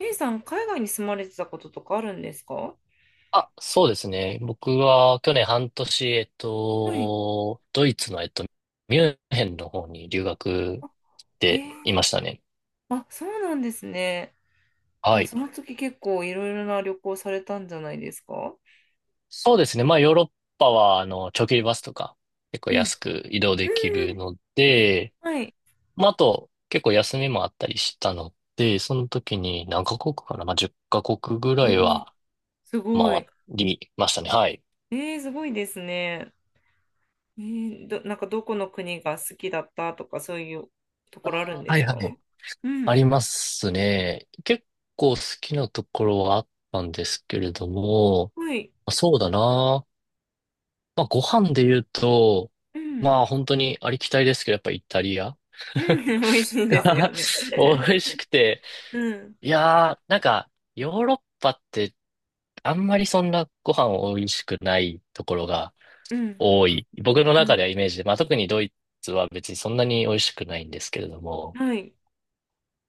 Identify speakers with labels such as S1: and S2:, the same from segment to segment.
S1: A さん、海外に住まれてたこととかあるんですか？
S2: あ、そうですね。僕は去年半年、
S1: はい。
S2: ドイツの、ミュンヘンの方に留学
S1: へ
S2: で
S1: え、
S2: いましたね。
S1: あ、そうなんですね。じ
S2: は
S1: ゃあ、
S2: い。
S1: その時結構いろいろな旅行されたんじゃないですか？
S2: そうですね。まあ、ヨーロッパは、長距離バスとか、結構
S1: うん。
S2: 安く移動
S1: う
S2: でき
S1: んう
S2: る
S1: ん。
S2: ので、
S1: はい。
S2: まあ、あと、結構休みもあったりしたので、その時に何カ国かなまあ、10カ国ぐ
S1: お
S2: らい
S1: ー、
S2: は
S1: すご
S2: 回
S1: い。
S2: りましたね。はい。
S1: えー、すごいですね。えー、ど、なんかどこの国が好きだったとか、そういうところあるん
S2: あー
S1: で
S2: はい
S1: す
S2: は
S1: か？
S2: い。
S1: う
S2: あ
S1: ん。
S2: りますね。結構好きなところはあったんですけれども、ま
S1: はい。
S2: あそうだな。まあ、ご飯で言うと、
S1: うん。
S2: まあ本当にありきたりですけど、やっぱイタリア
S1: うん。美味しいんですよ ね。
S2: 美味しくて。
S1: うん。
S2: いやー、なんか、ヨーロッパってあんまりそんなご飯美味しくないところが
S1: うん。
S2: 多い。僕の
S1: う
S2: 中で
S1: ん。
S2: はイメージで、まあ特にドイツは別にそんなに美味しくないんですけれども。
S1: はい。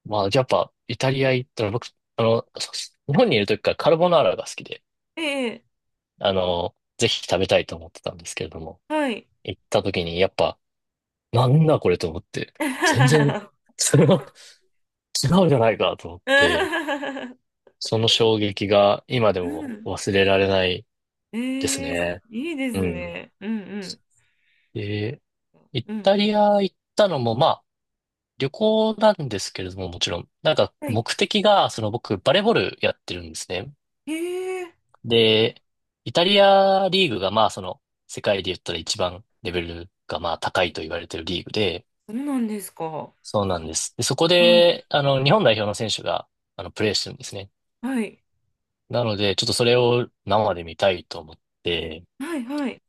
S2: まあ、やっぱ、イタリア行ったら僕、あの、そ日本にいる時からカルボナーラが好きで、
S1: ええ、
S2: ぜひ食べたいと思ってたんですけれども、
S1: はい。
S2: 行った時にやっぱ、なんだこれと思って、全然、それは 違うじゃないかと思って、
S1: う
S2: その衝撃が今でも
S1: ん。
S2: 忘れられないです
S1: ええ、
S2: ね。
S1: いいです
S2: うん。
S1: ね。うん
S2: で、イ
S1: うん。う
S2: タ
S1: ん。
S2: リア行ったのも、まあ、旅行なんですけれども、もちろん、なんか
S1: はい。
S2: 目的が、その僕、バレーボールやってるんですね。
S1: ええ、
S2: で、イタリアリーグがまあその世界で言ったら一番レベルがまあ高いと言われてるリーグで、
S1: そうなんですか。
S2: そうなんです。で、そこ
S1: はい。
S2: で、日本代表の選手が、プレーしてるんですね。
S1: はい。
S2: なので、ちょっとそれを生で見たいと思って、
S1: はいはい。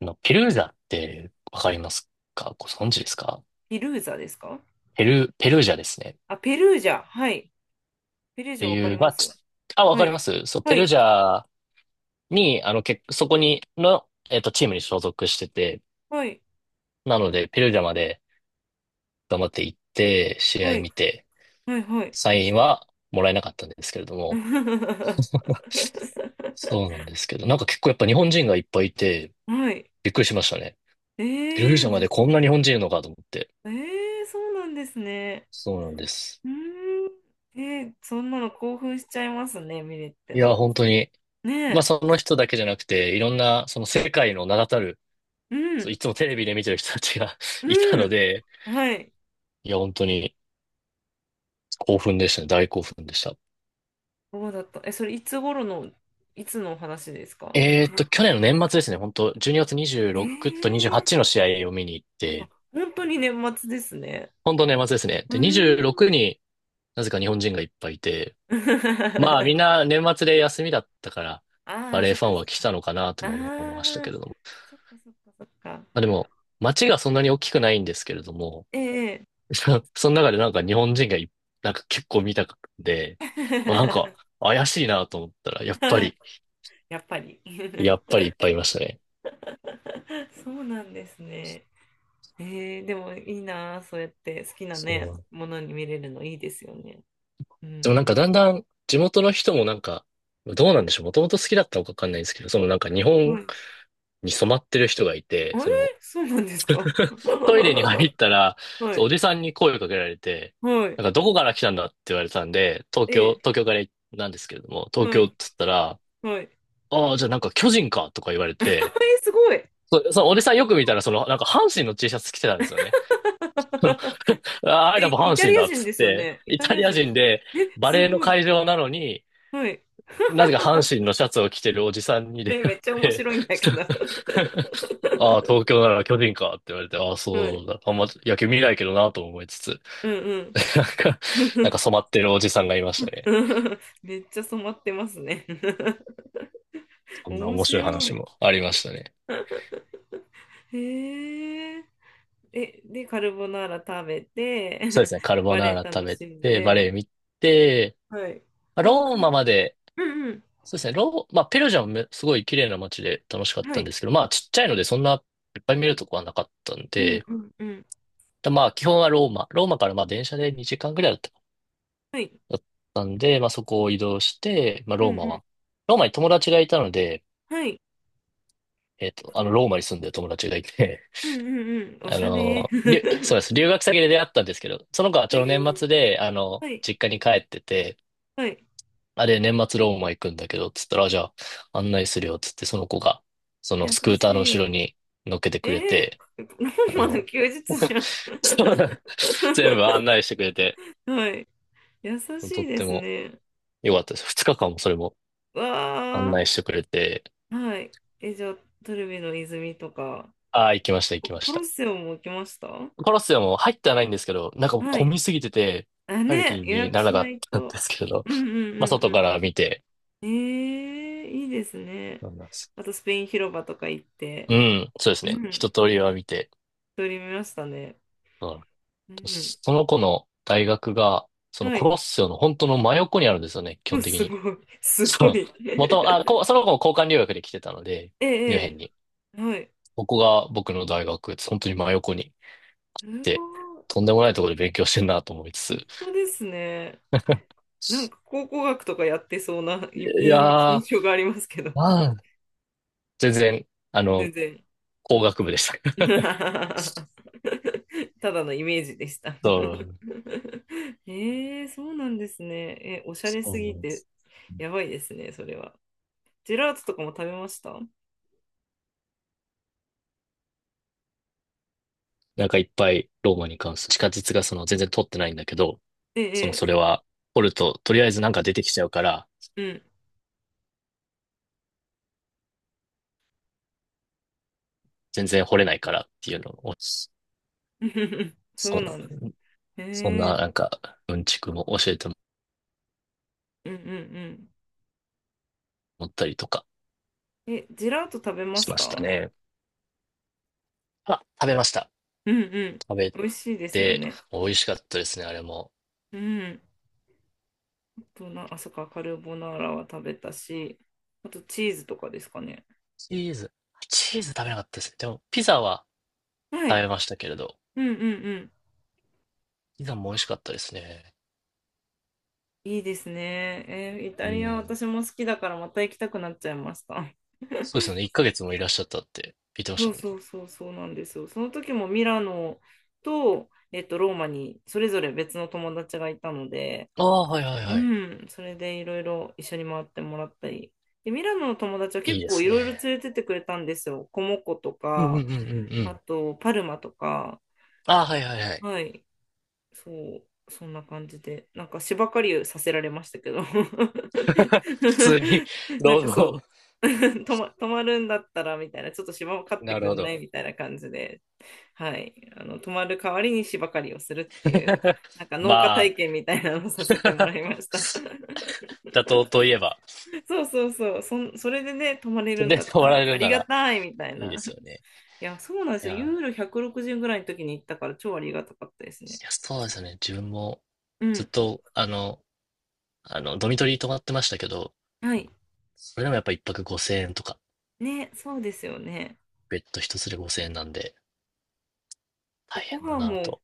S2: ペルージャってわかりますか？ご存知で
S1: ピ、
S2: すか？
S1: ピルーザですか？
S2: ペルージャですね。っ
S1: あ、ペルージャ。はい。ペルージャ
S2: て
S1: わか
S2: い
S1: り
S2: う、ま
S1: ま
S2: あ、
S1: すよ。
S2: わ
S1: は
S2: かり
S1: い。
S2: ます。そう、ペ
S1: は
S2: ルー
S1: い。
S2: ジャに、そこにの、チームに所属してて、
S1: はい。
S2: なので、ペルージャまで、頑張って行って、試
S1: は
S2: 合
S1: い。
S2: 見て、
S1: はい。はい。
S2: サインはもらえなかったんですけれども、そうなんですけど、なんか結構やっぱ日本人がいっぱいいて、
S1: はい。
S2: びっくりしましたね。
S1: え
S2: ペルージャ
S1: え、
S2: まで
S1: ず、
S2: こんな日本人いるのかと思って。
S1: ええ、そうなんですね。
S2: そうなんです。
S1: うーん。ええ、そんなの興奮しちゃいますね、ミレッテ
S2: いや、
S1: は。
S2: 本当に、
S1: ね
S2: まあ
S1: え。
S2: その人だけじゃなくて、いろんな、その世界の名だたる、
S1: う
S2: そう
S1: ん、
S2: いつもテレビで見てる人たちが いた
S1: う
S2: の
S1: ん。
S2: で、
S1: はい。
S2: いや、本当に興奮でしたね。大興奮でした。
S1: そうだった。え、それいつ頃の、いつのお話ですか？
S2: 去年の年末ですね。本当12月
S1: ええ
S2: 26と
S1: ー、
S2: 28の試合を見に行って、
S1: 本当に年末ですね。
S2: 本当年末ですね。
S1: うー
S2: で、
S1: ん。
S2: 26なぜか日本人がいっぱいいて、まあみん な年末で休みだったから、
S1: あ
S2: バ
S1: あ、
S2: レエ
S1: そっ
S2: ファ
S1: か
S2: ンは
S1: そっ
S2: 来
S1: か。
S2: たのかなと
S1: あ
S2: も思いました
S1: あ、
S2: けれども。
S1: そっかそっかそっか。
S2: まあでも、街がそんなに大きくないんですけれども、
S1: ええ
S2: その中でなんか日本人がいなんか結構見たくて、なんか 怪しいなと思ったら、やっぱり、
S1: やっぱり
S2: やっ ぱりいっぱいいましたね。
S1: そうなんですね。えー、でもいいなあ、そうやって好きな
S2: そ
S1: ね、
S2: う。
S1: ものに見れるのいいですよね。う
S2: でもなん
S1: ん
S2: かだんだん地元の人もなんか、どうなんでしょう。もともと好きだったのかわかんないんですけど、そのなんか日
S1: う
S2: 本
S1: ん。
S2: に染まってる人がい
S1: え
S2: て、
S1: ー、
S2: その
S1: そうなんですか？
S2: トイレに入ったら、
S1: は
S2: そう
S1: い。
S2: おじさんに声をかけられて、
S1: は
S2: な
S1: い。
S2: んかどこから来たんだって言われたんで、東京、
S1: ええ、
S2: 東京からなんですけれども、東
S1: は
S2: 京
S1: い。
S2: っつったら、
S1: はい。え
S2: ああ、じゃあなんか巨人かとか言われて、
S1: ー、すごい。
S2: その
S1: ほ
S2: お
S1: ら、
S2: じさんよく
S1: す
S2: 見
S1: ご
S2: た
S1: い。
S2: ら、その、なんか阪神の T シャツ着てたんですよね。その、ああ、I l
S1: え、
S2: o
S1: イ
S2: 阪
S1: タ
S2: 神
S1: リア
S2: だっ
S1: 人
S2: つ
S1: で
S2: っ
S1: すよ
S2: て、
S1: ね。イ
S2: イ
S1: タ
S2: タ
S1: リア
S2: リア
S1: 人で
S2: 人
S1: す。
S2: で
S1: え、
S2: バ
S1: す
S2: レーの
S1: ごい。
S2: 会場なのに、
S1: はい。
S2: なぜか阪 神のシャツを着てるおじさんに出
S1: え、
S2: 会
S1: め
S2: っ
S1: っちゃ面
S2: て、
S1: 白いんだけど。
S2: ああ、東京なら巨人かって言われて、ああ、
S1: はい。
S2: そうだ。あんま野球見ないけどなと思いつつ。
S1: うんうん。
S2: なんか、染まってるおじさんがいましたね。
S1: めっちゃ染まってますね。
S2: そんな
S1: 面
S2: 面白い
S1: 白
S2: 話
S1: い。
S2: もありましたね。
S1: へえ。え、で、カルボナーラ食べ
S2: そうで
S1: て、
S2: すね、カルボ
S1: バ
S2: ナ
S1: レ
S2: ー
S1: エ
S2: ラ食
S1: 楽
S2: べ
S1: しん
S2: て、バレエ
S1: で、
S2: 見て、
S1: はい。
S2: まあ
S1: 簡
S2: ローマ
S1: 単。
S2: まで、
S1: うんうん。
S2: そうですね、まあ、ペルージャもめすごい綺麗な街で楽しかっ
S1: は
S2: たん
S1: い。
S2: ですけど、まあ、ちっちゃいのでそんないっぱい見るとこはなかったん
S1: うん
S2: で、
S1: うんうん。
S2: だまあ、基本はローマ、ローマからまあ、電車で2時間ぐらいだったか
S1: はい。
S2: なだったんで、まあ、そこを移動して、まあ、
S1: うんう
S2: ローマ
S1: ん。
S2: は、ローマに友達がいたので、
S1: はい。あと、
S2: ローマに住んでる友達がいて
S1: うんうんうん。おしゃれ。え
S2: そうです。留学先で出会ったんですけど、その子はちょうど年末
S1: ー、
S2: で、
S1: はい。
S2: 実家に帰ってて、
S1: はい。
S2: あれ、年末ローマ行くんだけど、つったら、あじゃあ、案内するよ、つって、その子が、その
S1: 優
S2: スクー
S1: し
S2: ターの後ろ
S1: い。
S2: に乗っけてくれ
S1: え
S2: て、
S1: ー、ロ
S2: あ
S1: ーマの
S2: の、
S1: 休日じ ゃん。
S2: そうだ、全部案 内してくれて、
S1: はい。優し
S2: と
S1: い
S2: っ
S1: で
S2: て
S1: す
S2: も
S1: ね。
S2: 良かったです。二日間もそれも案
S1: わ
S2: 内してくれて、
S1: ー。はい。え、じゃあ、トルビの泉とか、
S2: ああ、行きました、行
S1: コ
S2: きま
S1: コ
S2: し
S1: ロッ
S2: た。
S1: セオも来ました？
S2: コロッセオも入ってはないんですけど、なんかもう
S1: は
S2: 混
S1: い。
S2: みすぎてて、
S1: あ、
S2: 入る気
S1: ね、予
S2: に
S1: 約
S2: な
S1: し
S2: らなか
S1: な
S2: っ
S1: い
S2: たん
S1: と。
S2: ですけれど、
S1: うんうん
S2: まあ、
S1: うん
S2: 外
S1: う
S2: か
S1: ん。
S2: ら見て、
S1: ええ、いいですね。
S2: そうなんです。
S1: あとスペイン広場とか行って、
S2: うん、そうです
S1: う
S2: ね。
S1: ん、
S2: 一
S1: う
S2: 通り
S1: ん、
S2: は見て。
S1: 撮りましたね。
S2: うん。
S1: うん、
S2: その子の大学が、その
S1: は
S2: コ
S1: い。
S2: ロッセオの本当の真横にあるんですよね、基
S1: うん、
S2: 本的
S1: す
S2: に。
S1: ごい、す
S2: そ
S1: ご
S2: う。
S1: い。
S2: 元、あ、こ、その子も交換留学で来てたので、
S1: ええ、
S2: ミュンヘンに。
S1: ええ、はい。
S2: ここが僕の大学、本当に真横にい
S1: すごい、
S2: て、とんでもないところで勉強してんなと思いつ
S1: そうですね。なん
S2: つ。
S1: か考古学とかやってそうな
S2: い
S1: い
S2: や
S1: 印、印
S2: ー、
S1: 象がありますけど、
S2: まあ、全然、あ
S1: 全
S2: の、
S1: 然。
S2: 工学部でした。
S1: ただのイメージでした。
S2: そう、
S1: ええ、そうなんですね。え、おしゃ
S2: そ
S1: れす
S2: うな
S1: ぎ
S2: んで
S1: て、
S2: す。
S1: やばいですね、それは。ジェラートとかも食べました？
S2: なんかいっぱいローマに関する地下鉄がその全然通ってないんだけど、
S1: え
S2: その、
S1: え、
S2: それは、掘ると、とりあえずなんか出てきちゃうから、
S1: ええ、
S2: 全然掘れないからっていうのを、そ
S1: うん。そう
S2: う
S1: なんです。
S2: なん、
S1: え
S2: そんな、
S1: え、
S2: なんか、うんちくも教えても
S1: うんうんう
S2: らったりとか
S1: ん。え、ジェラート食べま
S2: し
S1: し
S2: まし
S1: た？
S2: たね。あ、食べました。
S1: うんうん。
S2: 食べ
S1: 美味しいですよ
S2: て、
S1: ね。
S2: 美味しかったですね、あれも。
S1: うん。あとな、あ、そっか、カルボナーラは食べたし、あとチーズとかですかね。
S2: チーズ、チーズ食べなかったですね。でも、ピザは
S1: は
S2: 食
S1: い。
S2: べましたけれど、
S1: うんうんうん。
S2: ピザも美味しかったですね。
S1: いいですね。えー、イ
S2: う
S1: タリア
S2: ん。
S1: 私も好きだからまた行きたくなっちゃいました。
S2: そうですよね。1ヶ月もいらっしゃったって聞いてまし
S1: そ
S2: た
S1: う
S2: もんね。
S1: そうそうそうなんですよ。その時もミラノと、ローマにそれぞれ別の友達がいたので、
S2: ああ、はいはい
S1: う
S2: はい。
S1: ん、それでいろいろ一緒に回ってもらったり。で、ミラノの友達は
S2: いい
S1: 結
S2: で
S1: 構い
S2: す
S1: ろいろ連
S2: ね。
S1: れてってくれたんですよ。コモコと
S2: うんうんうん
S1: か、
S2: うんう
S1: あ
S2: ん。
S1: とパルマとか。
S2: ああ、はいはいはい。
S1: はい、そう、そんな感じで。なんか芝刈りをさせられましたけど。
S2: 普通に、
S1: なん
S2: 労
S1: かそう。
S2: 働。
S1: 泊ま、泊まるんだったらみたいな、ちょっと芝を刈って
S2: なる
S1: く
S2: ほ
S1: んな
S2: ど。
S1: いみたいな感じで、はい、あの泊まる代わりに芝刈りをするっていう なんか農家
S2: まあ、
S1: 体験みたいなのをさせてもらいま した。
S2: 妥当といえば、
S1: そうそうそうそん、それでね、泊まれ
S2: そ
S1: るん
S2: れ
S1: だ
S2: で
S1: っ
S2: 終
S1: た
S2: わら
S1: ら
S2: れ
S1: あ
S2: る
S1: り
S2: な
S1: が
S2: ら
S1: たいみたい
S2: いいで
S1: な。
S2: すよね。
S1: いや、そうなんで
S2: い
S1: すよ、
S2: や、い
S1: ユーロ160ぐらいの時に行ったから超ありがたかったですね。
S2: や、そうですよね。自分も
S1: う
S2: ずっ
S1: ん、
S2: と、ドミトリー泊まってましたけど、
S1: はい。
S2: それでもやっぱ一泊5000円とか、
S1: ね、そうですよね。
S2: ベッド一つで5000円なんで、
S1: え、
S2: 大
S1: ご
S2: 変だ
S1: 飯
S2: なぁ
S1: も、
S2: と。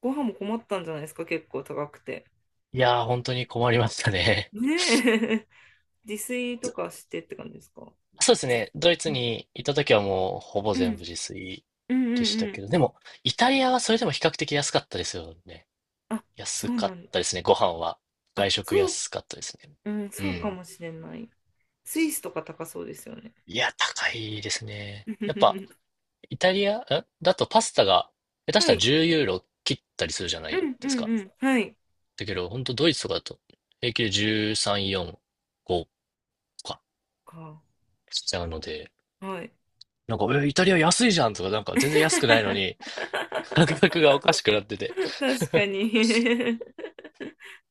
S1: ご飯も困ったんじゃないですか、結構高くて。
S2: いやー、本当に困りましたね。
S1: ねえ。 自炊 と
S2: ず
S1: かしてって感じですか？
S2: そうですね。ドイ
S1: う
S2: ツ
S1: ん
S2: に行った時はもう、ほぼ
S1: うん
S2: 全部自炊
S1: うん
S2: で
S1: う
S2: し
S1: んう
S2: たけ
S1: ん。
S2: ど、でも、イタリアはそれでも比較的安かったですよね。
S1: あ、
S2: 安
S1: そう
S2: か
S1: な
S2: っ
S1: ん、
S2: たですね、ご飯は。
S1: あ、
S2: 外食
S1: そう、
S2: 安かったですね。
S1: うん、
S2: う
S1: そうか
S2: ん。
S1: もしれない。スイスとか高そうですよね。
S2: いや、高いですね。やっぱ、イタリア、んだとパスタが、下手し
S1: は
S2: たら
S1: い。
S2: 10ユーロ切ったりするじゃな
S1: う
S2: い
S1: んう
S2: ですか。
S1: んうん。はい。
S2: だけど、本当ドイツとかだと、平均で13、4、5か、
S1: か。
S2: しちゃうので、
S1: はい。
S2: なんか、え、イタリア安いじゃんとか、なんか全然安くないのに、感覚がおかしくなってて、
S1: 確かに。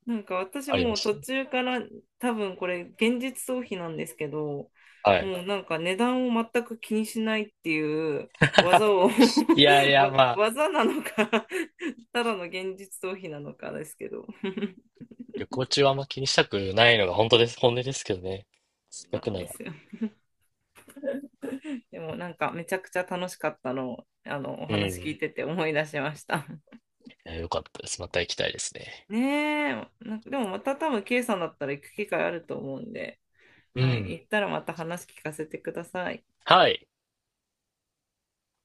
S1: なんか私
S2: ありま
S1: もう
S2: した
S1: 途
S2: ね。
S1: 中から、多分これ現実逃避なんですけど、
S2: はい。
S1: もうなんか値段を全く気にしないっていう技を。
S2: いやい や、
S1: わ、
S2: まあ、
S1: 技なのかただの現実逃避なのかですけど。
S2: 旅行中はあんま気にしたくないのが本当です、本音ですけどね。せ っか
S1: なん
S2: くな
S1: で
S2: ら。
S1: すよ。でもなんかめちゃくちゃ楽しかったのをあのお
S2: う
S1: 話聞い
S2: ん。
S1: てて思い出しました。
S2: いよかったです。また行きたいですね。
S1: ねえ、なんかでもまた多分 K さんだったら行く機会あると思うんで、
S2: う
S1: はい、
S2: ん。
S1: 行ったらまた話聞かせてください。
S2: はい。